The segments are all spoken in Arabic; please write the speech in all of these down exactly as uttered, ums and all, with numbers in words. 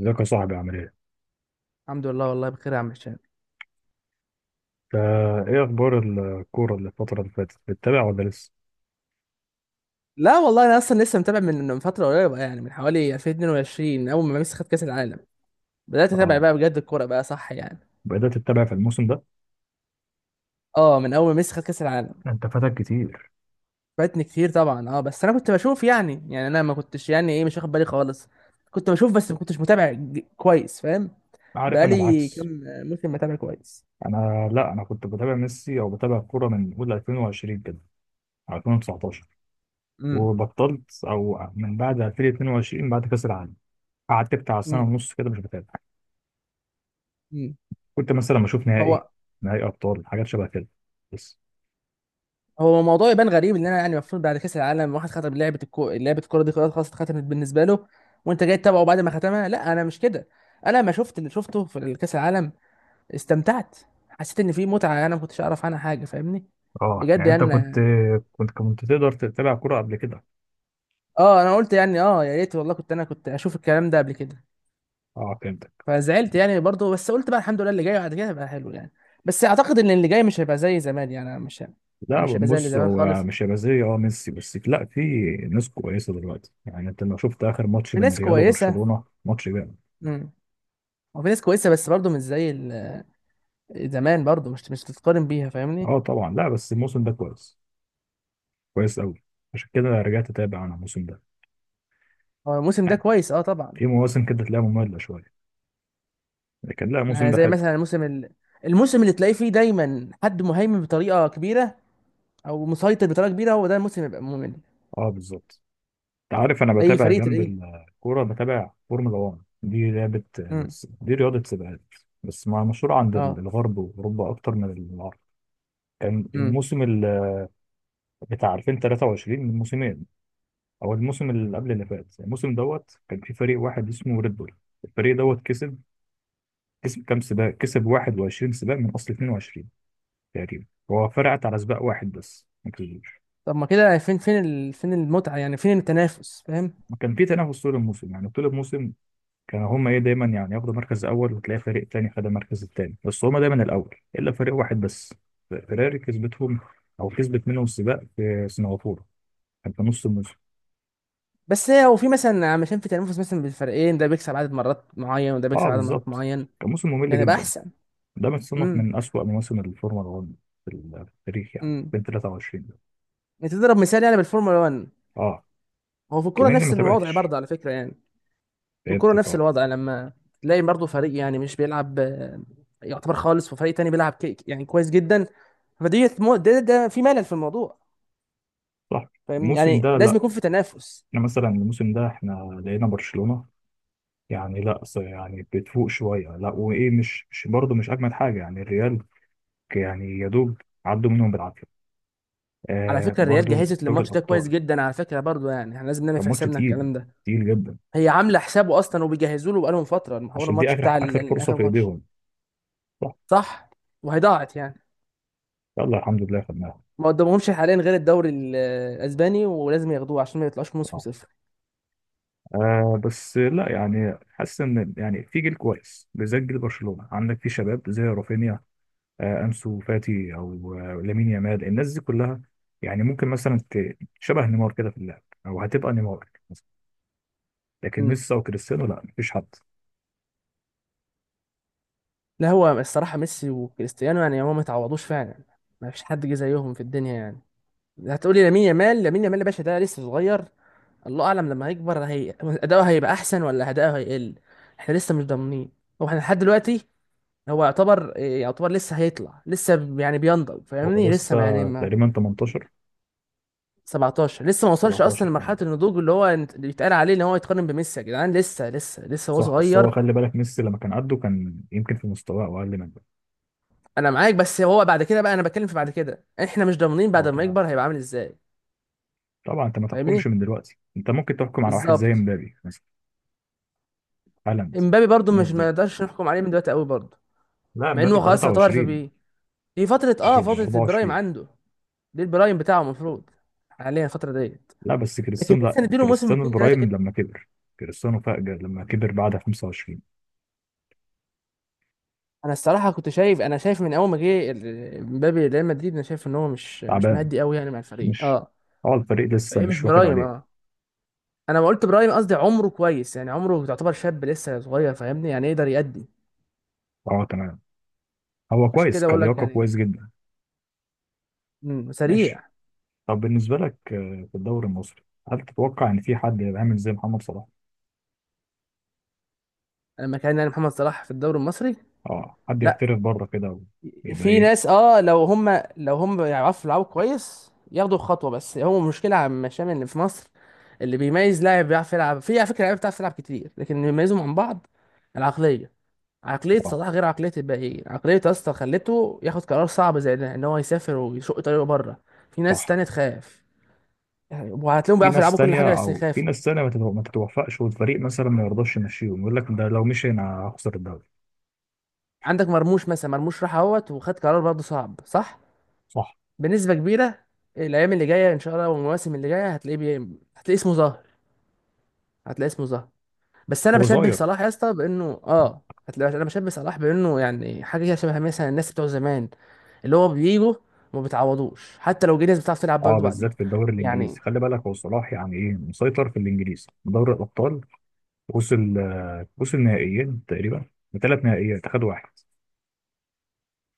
ازيك يا صاحبي؟ عامل ايه؟ الحمد لله، والله بخير يا عم هشام. فا ايه اخبار الكورة اللي الفترة اللي فاتت؟ بتتابع ولا لسه؟ لا والله انا اصلا لسه متابع من من فتره قريبه، يعني من حوالي الفين واتنين وعشرين اول ما ميسي خد كاس العالم. بدات اتابع اه، بقى بجد الكوره بقى صح يعني. بدأت تتابع في الموسم ده؟ اه من اول ما ميسي خد كاس العالم. انت فاتك كتير. فاتني كتير طبعا، اه بس انا كنت بشوف يعني يعني انا ما كنتش يعني ايه مش واخد بالي خالص. كنت بشوف بس ما كنتش متابع ج- كويس فاهم. عارف، انا بقالي العكس. كام موسم متابع كويس. انا لا انا كنت بتابع ميسي، او بتابع الكورة من اول ألفين وعشرين كده، ألفين وتسعتاشر، امم وبطلت او من بعد ألفين واتنين وعشرين بعد كأس العالم. قعدت بتاع سنة امم ونص كده مش بتابع. امم. كنت مثلا بشوف نهائي هو نهائي ابطال، حاجات شبه كده بس. هو الموضوع يبان غريب ان انا يعني المفروض بعد كاس العالم واحد ختم لعبه الكو... لعبه الكوره دي خلاص اتختمت بالنسبه له، وانت جاي تتابعه بعد ما ختمها. لا انا مش كده، انا ما شفت اللي شفته في كاس العالم. استمتعت، حسيت ان في متعه انا ما كنتش اعرف عنها حاجه، فاهمني؟ اه بجد يعني انت يعني كنت انا. كنت كنت تقدر تتابع كورة قبل كده. اه انا قلت يعني اه يا ريت والله كنت انا كنت اشوف الكلام ده قبل كده. اه فهمت. فزعلت يعني برضه، بس قلت بقى الحمد لله اللي جاي بعد كده هيبقى حلو يعني. بس اعتقد ان اللي جاي مش هيبقى زي زمان يعني مش. لا مش هيبقى زي اللي بص، زمان هو خالص. مش هيبقى زي اه ميسي بس، لا في ناس كويسه دلوقتي. يعني انت لو شفت اخر ماتش في بين ناس ريال كويسه. وبرشلونه ماتش جامد. امم وفي ناس كويسه بس برضه مش زي زمان، برضو مش مش تتقارن بيها فاهمني. اه طبعا، لا بس الموسم ده كويس، كويس قوي. عشان كده رجعت اتابع انا الموسم ده. هو الموسم ده يعني كويس، اه طبعا. في مواسم كده تلاقيها ممله شويه، لكن لا الموسم يعني ده زي حلو. مثلا الموسم ال... الموسم اللي تلاقيه فيه دايما حد مهيمن بطريقه كبيره او مسيطر بطريقه كبيره، هو ده الموسم يبقى ممل. اه بالظبط. انت عارف انا اي بتابع فريق جنب تلاقيه. الكوره بتابع فورمولا واحد، دي لعبه، امم دي رياضه سباقات، بس مع- مشهوره عند اه. الغرب واوروبا اكتر من العرب. كان امم. الموسم ال- بتاع ألفين وتلاته وعشرين من موسمين، او الموسم اللي قبل اللي فات. يعني الموسم دوت كان في فريق واحد اسمه ريد بول، الفريق دوت كسب كسب كام سباق؟ كسب واحد وعشرين سباق من اصل اتنين وعشرين تقريبا، هو فرقت على سباق واحد بس ما كسبوش. طب ما كده، فين فين ال... فين المتعه يعني، فين التنافس فاهم؟ ما كان في تنافس طول الموسم. يعني طول الموسم كانوا هما ايه، دايما يعني ياخدوا مركز اول، وتلاقي فريق تاني خد المركز التاني، بس هما دايما الاول الا فريق واحد بس، فيراري، كسبتهم او كسبت منهم السباق في سنغافوره، كان في نص الموسم. بس هي هو في مثلا، علشان في تنافس مثلا بين الفريقين، ده بيكسب عدد مرات معين وده اه بيكسب عدد مرات بالظبط، معين كان موسم ممل كان يبقى جدا. احسن. ده متصنف امم من أسوأ مواسم الفورمولا واحد في ال- في التاريخ، يعني امم. ألفين وتلاته وعشرين ده. تضرب مثال يعني بالفورمولا واحد. اه هو في الكوره كمان دي ما نفس الوضع تابعتش، برضه على فكره يعني. الكورة فهمتك نفس اه. الوضع، لما تلاقي برضه فريق يعني مش بيلعب آه، يعتبر خالص، وفريق تاني بيلعب كيك يعني كويس جدا. فدي مو- ده, ده في ملل في الموضوع. صح، فاهمني الموسم يعني ده لازم لا، يكون في تنافس. احنا مثلا الموسم ده احنا لقينا برشلونة، يعني لا ص- يعني بتفوق شوية، لا وايه، مش مش برضه مش أجمد حاجة يعني الريال، يعني يا دوب عدوا منهم بالعافية. على آه، فكرة الريال برضه جهزت دوري للماتش ده كويس الأبطال جدا، على فكرة برضه يعني احنا لازم نعمل كان في ماتش حسابنا تقيل، الكلام ده. تقيل جدا. هي عاملة حسابه أصلا، وبيجهزوا له بقالهم فترة المحور، عشان دي الماتش آخر، بتاع ال- آخر ال- فرصة آخر في ماتش. إيديهم. صح، صح. وهيضاعت يعني. يلا الحمد لله خدناها. ما قدامهمش حاليا غير الدوري ال- الأسباني، ولازم ياخدوه عشان ما يطلعوش موسم آه. صفر. آه بس لا، يعني حاسس ان يعني في جيل كويس، بالذات جيل برشلونه، عندك في شباب زي رافينيا، آه انسو فاتي، او آه لامين يامال، الناس دي كلها، يعني ممكن مثلا ت- شبه نيمار كده في اللعب، او هتبقى نيمار مثلا، لكن ميسي وكريستيانو لا، مفيش حد. لا هو الصراحة ميسي وكريستيانو يعني هو ما تعوضوش فعلا. ما فيش حد جه زيهم في الدنيا يعني. هتقولي لامين يامال، لامين يامال يا باشا ده لسه صغير. الله اعلم لما هيكبر هي اداؤه هيبقى احسن ولا اداؤه هيقل. احنا لسه مش ضامنين. هو احنا لحد دلوقتي هو يعتبر، يعتبر لسه هيطلع لسه ب- يعني بينضج هو فاهمني، لسه لسه ما يعني ما. تقريبا تمنتاشر، سبعتاشر، لسه ما وصلش سبعتاشر اصلا كمان. لمرحله النضوج اللي هو يت- اللي يتقال عليه ان هو يتقارن بميسي. يا جدعان لسه لسه لسه هو صح، بس هو صغير. خلي بالك ميسي لما كان قده كان يمكن في مستواه او اقل منه. انا معاك، بس هو بعد كده بقى انا بتكلم في بعد كده، احنا مش ضامنين بعد اه ما تمام، يكبر هيبقى عامل ازاي. طبعا انت ما تحكمش فاهمني؟ من دلوقتي. انت ممكن تحكم على واحد زي بالظبط. مبابي مثلا، هالاند، امبابي برضو الناس مش، ما دي. نقدرش نحكم عليه من دلوقتي قوي برضو. لا مع مبابي انه خلاص يعتبر في تلاته وعشرين، بي دي فتره، اه تقريبا فتره البرايم اربعه وعشرين. عنده. دي البرايم بتاعه المفروض حاليا، الفتره ديت. لا بس لكن كريستيانو، لا لسه نديله موسم كريستيانو اتنين تلاته البرايم كده. لما كبر، كريستيانو فاجر لما كبر بعد خمسه وعشرين. انا الصراحه كنت شايف، انا شايف من اول ما جه ال- امبابي ريال مدريد، انا شايف ان هو مش مش تعبان، مهدي قوي يعني مع الفريق مش اه. اه الفريق لسه فايه مش مش واخد برايم عليه. اه. انا ما قلت برايم، قصدي عمره كويس يعني، عمره يعتبر شاب لسه صغير فاهمني يعني يقدر يأدي. اه تمام، هو عشان كويس كده بقول لك كلياقة يعني. كويس جدا. مم، سريع. ماشي، طب بالنسبة لك آه، في الدوري المصري، هل تتوقع ان في حد يبقى عامل زي محمد صلاح؟ لما كان يعني محمد صلاح في الدوري المصري. اه حد لا، يحترف بره كده، ويبقى في ايه. ناس اه، لو هم لو هم يعرفوا يلعبوا كويس ياخدوا خطوه، بس هو المشكله عم شامل اللي في مصر، اللي بيميز لاعب بيعرف يلعب. في على فكره لعيبه بتعرف تلعب كتير، لكن اللي بيميزهم عن بعض العقليه. عقليه اه صلاح غير عقليه الباقيين، عقليه يا اسطى خلته ياخد قرار صعب زي ده، ان هو يسافر ويشق طريقه بره. في ناس صح. تانية تخاف يعني، وهتلاقيهم في بيعرفوا ناس يلعبوا كل حاجه تانية بس او في يخافوا. ناس تانية ما تتو- ما تتوفقش، والفريق مثلا ما يرضاش يمشيهم، يقول لك ده لو مشي انا هخسر الدوري. عندك مرموش مثلا، مرموش راح اهوت وخد قرار برضه صعب. صح، صح، بنسبه كبيره. الايام اللي جايه ان شاء الله والمواسم اللي جايه هتلاقيه بي... هتلاقيه اسمه ظهر. هتلاقي اسمه ظهر. بس انا هو بشبه صغير. صلاح يا اسطى بانه اه، هتلاقي انا بشبه صلاح بانه يعني حاجه كده شبه مثلا الناس بتوع زمان، اللي هو بيجوا ما بيتعوضوش حتى لو جه ناس بتعرف تلعب اه برضه بعديهم. بالذات في الدوري يعني الانجليزي، خلي بالك، هو صلاح يعني ايه، مسيطر في الانجليزي دوري الابطال. وصل، آه، وصل نهائيين تقريبا، بثلاث نهائيات اخد واحد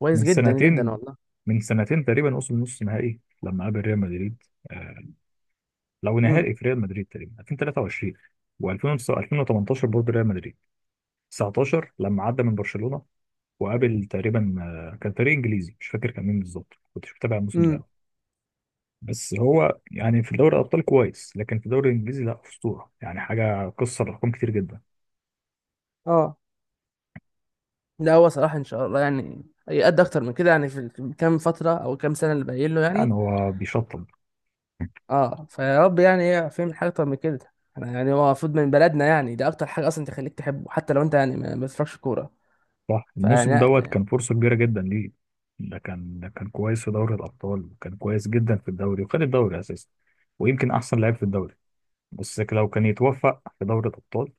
كويس من جدا جدا سنتين والله. من سنتين تقريبا. وصل نص نهائي لما قابل ريال مدريد، آه، لو امم نهائي في ريال مدريد تقريبا ألفين وتلاته وعشرين، و2018 برضه ريال مدريد، تسعتاشر لما عدى من برشلونة، وقابل تقريبا آه، كان فريق انجليزي مش فاكر كان مين بالظبط، كنتش متابع الموسم امم. ده. بس هو يعني في دوري الابطال كويس، لكن في الدوري الانجليزي لا، اسطوره، يعني حاجه كسر ارقام كتير جدا. اه لا هو صلاح ان شاء الله يعني هيأدي اكتر من كده يعني في ال- كام فتره او كام سنه اللي باقيين له يعني يعني. هو بيشطب. اه فيا رب يعني ايه، فاهم؟ حاجه اكتر من كده. انا يعني هو المفروض من بلدنا يعني، ده اكتر حاجه اصلا تخليك تحبه حتى لو انت يعني ما ما بتفرجش كوره. صح، فيعني الموسم دوت كان فرصه كبيره جدا ليه، ده كان ده كان كويس في دوري الابطال، وكان كويس جدا في الدوري، وخد الدوري اساسا، ويمكن احسن لاعب في الدوري، بس لو كان يتوفق في دوري الابطال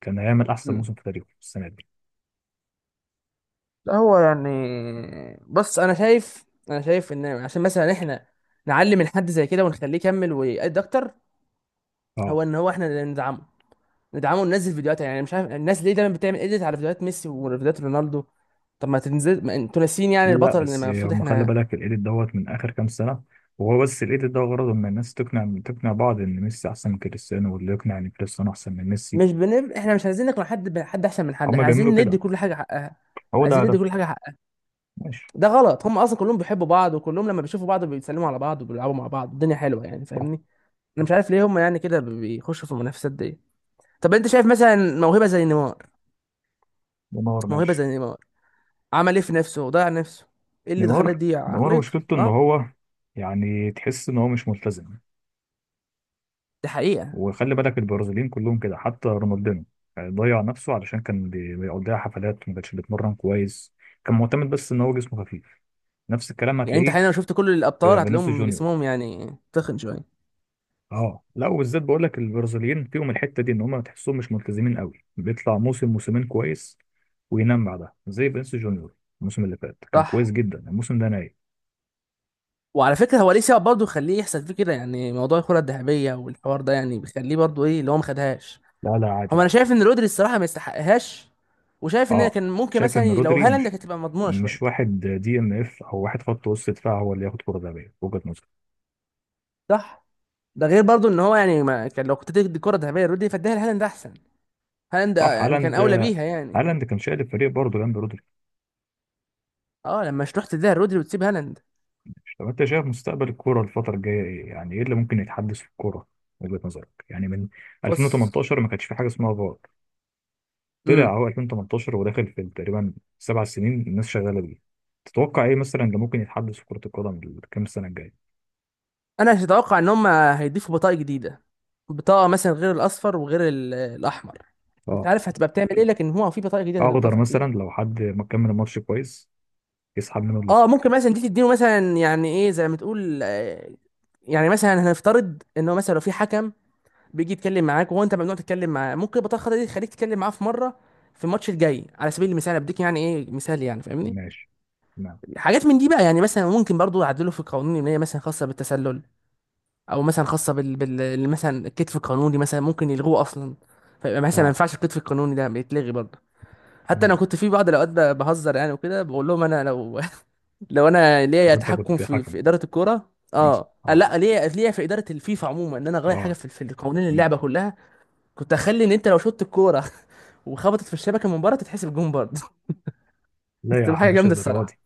كان هيعمل احسن لا. موسم في تاريخه السنه دي. لا هو يعني، بص انا شايف، انا شايف ان عشان مثلا احنا نعلم الحد زي كده ونخليه يكمل ويأدي اكتر، اه، هو ان هو احنا اللي ندعمه. ندعمه وننزل فيديوهات يعني. مش عارف الناس ليه دايما بتعمل اديت على فيديوهات ميسي وفيديوهات رونالدو. طب ما تنزل، ما انتوا ناسيين يعني لا البطل اللي بس المفروض هم خلي احنا. بالك الايديت دوت من اخر كام سنه، وهو بس الايديت ده غرضه ان الناس تقنع، تقنع بعض ان ميسي احسن من كريستيانو، واللي يقنع ان كريستيانو احسن من ميسي، مش بنب... احنا مش عايزين نقنع حد بحد احسن من حد، هم احنا بيعملوا عايزين ندي كده، كل حاجه حقها. هو ده عايزين ندي هدفه. كل حاجه حقها. ماشي. ده غلط، هم اصلا كلهم بيحبوا بعض، وكلهم لما بيشوفوا بعض بيتسلموا على بعض وبيلعبوا مع بعض. الدنيا حلوه يعني صح، فاهمني. انا مش عارف ليه هم يعني كده بيخشوا في المنافسات دي. طب انت شايف مثلا موهبه زي نيمار؟ نيمار موهبه ماشي. زي نيمار، عمل ايه في نفسه؟ ضيع نفسه. ايه اللي خلاه نيمار يضيع نيمار عقليته مشكلته ان اه؟ هو يعني تحس ان هو مش ملتزم. دي حقيقه. وخلي بالك البرازيليين كلهم كده، حتى رونالدينو، يعني ضيع نفسه علشان كان بي- بيقضيها حفلات، ما كانش بيتمرن كويس، كان معتمد بس ان هو جسمه خفيف. نفس الكلام يعني انت هتلاقيه حاليا لو شفت كل الابطال في فينيسيوس هتلاقيهم جونيور. جسمهم يعني تخن شويه. اه، لا وبالذات بقول لك البرازيليين فيهم الحته دي، ان هم تحسهم مش ملتزمين قوي، بيطلع موسم موسمين كويس وينام بعدها زي فينيسيوس جونيور. الموسم اللي فات كان كويس صح. جدا، الموسم ده نايم. وعلى فكره هو ليه سبب برضه يخليه يحصل فيه كده، يعني موضوع الكره الذهبيه والحوار ده يعني بيخليه برضه ايه اللي هو ما خدهاش. لا لا، عادي هو انا عادي. شايف ان رودري الصراحه ما يستحقهاش، وشايف ان اه، كان ممكن شايف ان مثلا لو رودري هالاند مش، كانت تبقى مضمونه شويه. مش واحد دي ام اف، او واحد خط وسط دفاع، هو اللي ياخد كره ذهبيه، وجهه نظري. صح. ده غير برضه ان هو يعني ما كان، لو كنت تدي الكره الذهبيه لرودري فاديها لهالاند احسن. هالاند صح، يعني كان هالاند، اولى بيها يعني. هالاند كان شايل الفريق برضه جنب رودري. اه لما مش تروح تديها رودري وتسيب هالاند. طب انت شايف مستقبل الكوره الفتره الجايه ايه؟ يعني ايه اللي ممكن يتحدث في الكوره وجهه نظرك؟ يعني من بص. ألفين وتمنتاشر ما كانش في حاجه اسمها فار، امم طلع هو ألفين وتمنتاشر، وداخل في تقريبا سبع سنين الناس شغاله بيه. تتوقع ايه مثلا اللي ممكن يتحدث في كره القدم كام سنه الجايه؟ انا مش اتوقع ان هم هيضيفوا بطاقه جديده، بطاقه مثلا غير الاصفر وغير ال- الاحمر. انت اه، عارف هتبقى بتعمل ايه، لكن هو في بطاقه جديده اخضر هتتضاف اكيد. مثلا لو حد ما كمل الماتش كويس يسحب منه اه الاصفر. ممكن مثلا دي تديله مثلا يعني ايه زي ما تقول آه، يعني مثلا هنفترض ان هو مثلا لو في حكم بيجي يتكلم معاك وهو انت ممنوع تتكلم معاه، ممكن البطاقه الخضراء دي تخليك تتكلم معاه في مره في الماتش الجاي على سبيل المثال. أنا بديك يعني ايه مثال يعني، فاهمني؟ ماشي تمام. حاجات من دي بقى يعني. مثلا ممكن برضو يعدلوا في القوانين ان هي مثلا خاصه بالتسلل، او مثلا خاصه بال, بال... مثلا الكتف القانوني مثلا ممكن يلغوه اصلا. فيبقى مثلا ما اه ينفعش، الكتف القانوني ده بيتلغي برضه. حتى انا تمام. كنت في بعض الاوقات ب- بهزر يعني وكده، بقول لهم انا لو لو انا ليا لو انت تحكم كنت في حكم في اداره الكوره مثلا، اه اه. لا، ليا، ليا في اداره الفيفا عموما، ان انا اغير حاجه اه في في قوانين تمام. اللعبه كلها. كنت اخلي ان انت لو شطت الكوره وخبطت في الشبكه من بره تتحسب جون برضه. لا يا تبقى عم حاجه مش جامده الدرجه الصراحه. دي.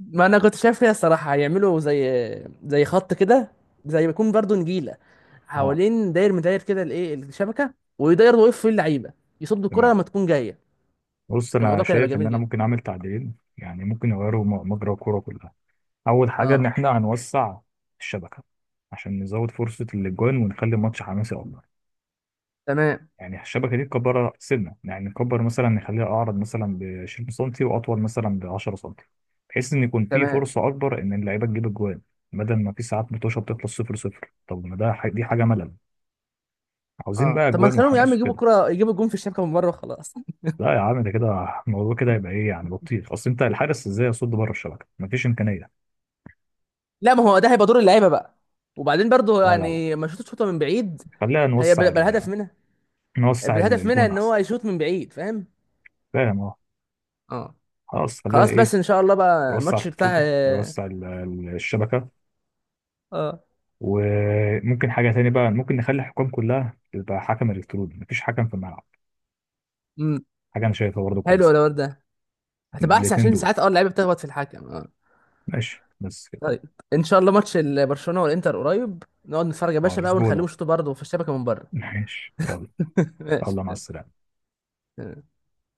ما انا كنت شايف فيها الصراحه هيعملوا زي زي خط كده، زي ما يكون برضو نجيله اه حوالين داير مداير كده الايه الشبكه، ويداير ويقف فيه اللعيبه يصد الكره تمام. لما تكون جايه. بص، كان انا الموضوع كان هيبقى شايف ان جميل انا جدا. ممكن اعمل تعديلين، يعني ممكن يغيروا م- مجرى الكوره كلها. اول حاجه، ان اه احنا هنوسع الشبكه، عشان نزود فرصه الاجوان ونخلي الماتش حماسي اكتر. تمام. يعني الشبكه دي نكبرها سنه، يعني نكبر مثلا، نخليها اعرض مثلا ب عشرين سم، واطول مثلا ب عشرة سم، بحيث ان يكون في تمام. فرصه اكبر ان اللعيبه تجيب اجوان، بدل ما في ساعات متوشه بتخلص صفر صفر. طب ما ده ح- دي حاجه ملل، عاوزين اه بقى طب ما اجوان تخليهم يا عم وحماس يجيبوا وكده. الكره، يجيبوا الجون في الشبكه من بره وخلاص. لا يا عم، ده كده الموضوع كده هيبقى ايه، يعني بطيخ، اصل انت الحارس ازاي يصد بره الشبكه، مفيش امكانيه. لا ما هو ده هيبقى دور اللعيبه بقى. وبعدين برضو لا لا لا، يعني ما يشوط شوطه من بعيد، خلينا نوسع هيبقى بالهدف ال... منها. نوسع ال- بالهدف منها الجون ان هو احسن. يشوط من بعيد، فاهم؟ فاهم أه. اه خلاص خليها خلاص، ايه، بس ان شاء الله بقى يوسع الماتش بتاع الخطوبة، اه. يوسع ال- ال- الشبكة. وممكن حاجة تاني بقى، ممكن نخلي الحكام كلها تبقى حكم إلكتروني، مفيش حكم في الملعب. آه. حاجة أنا شايفها برضه حلو كويسة. الولد ده. هتبقى احسن الاتنين عشان دول، ساعات اه اللعيبه بتخبط في الحكم اه. ماشي بس كده. طيب. ان شاء الله ماتش ال- برشلونه والانتر قريب، نقعد نتفرج يا آه، باشا بقى الأسبوع ونخليهم ده، يشوطوا برضه في الشبكه من بره. ماشي يلا. يلا مع ماشي. السلامة.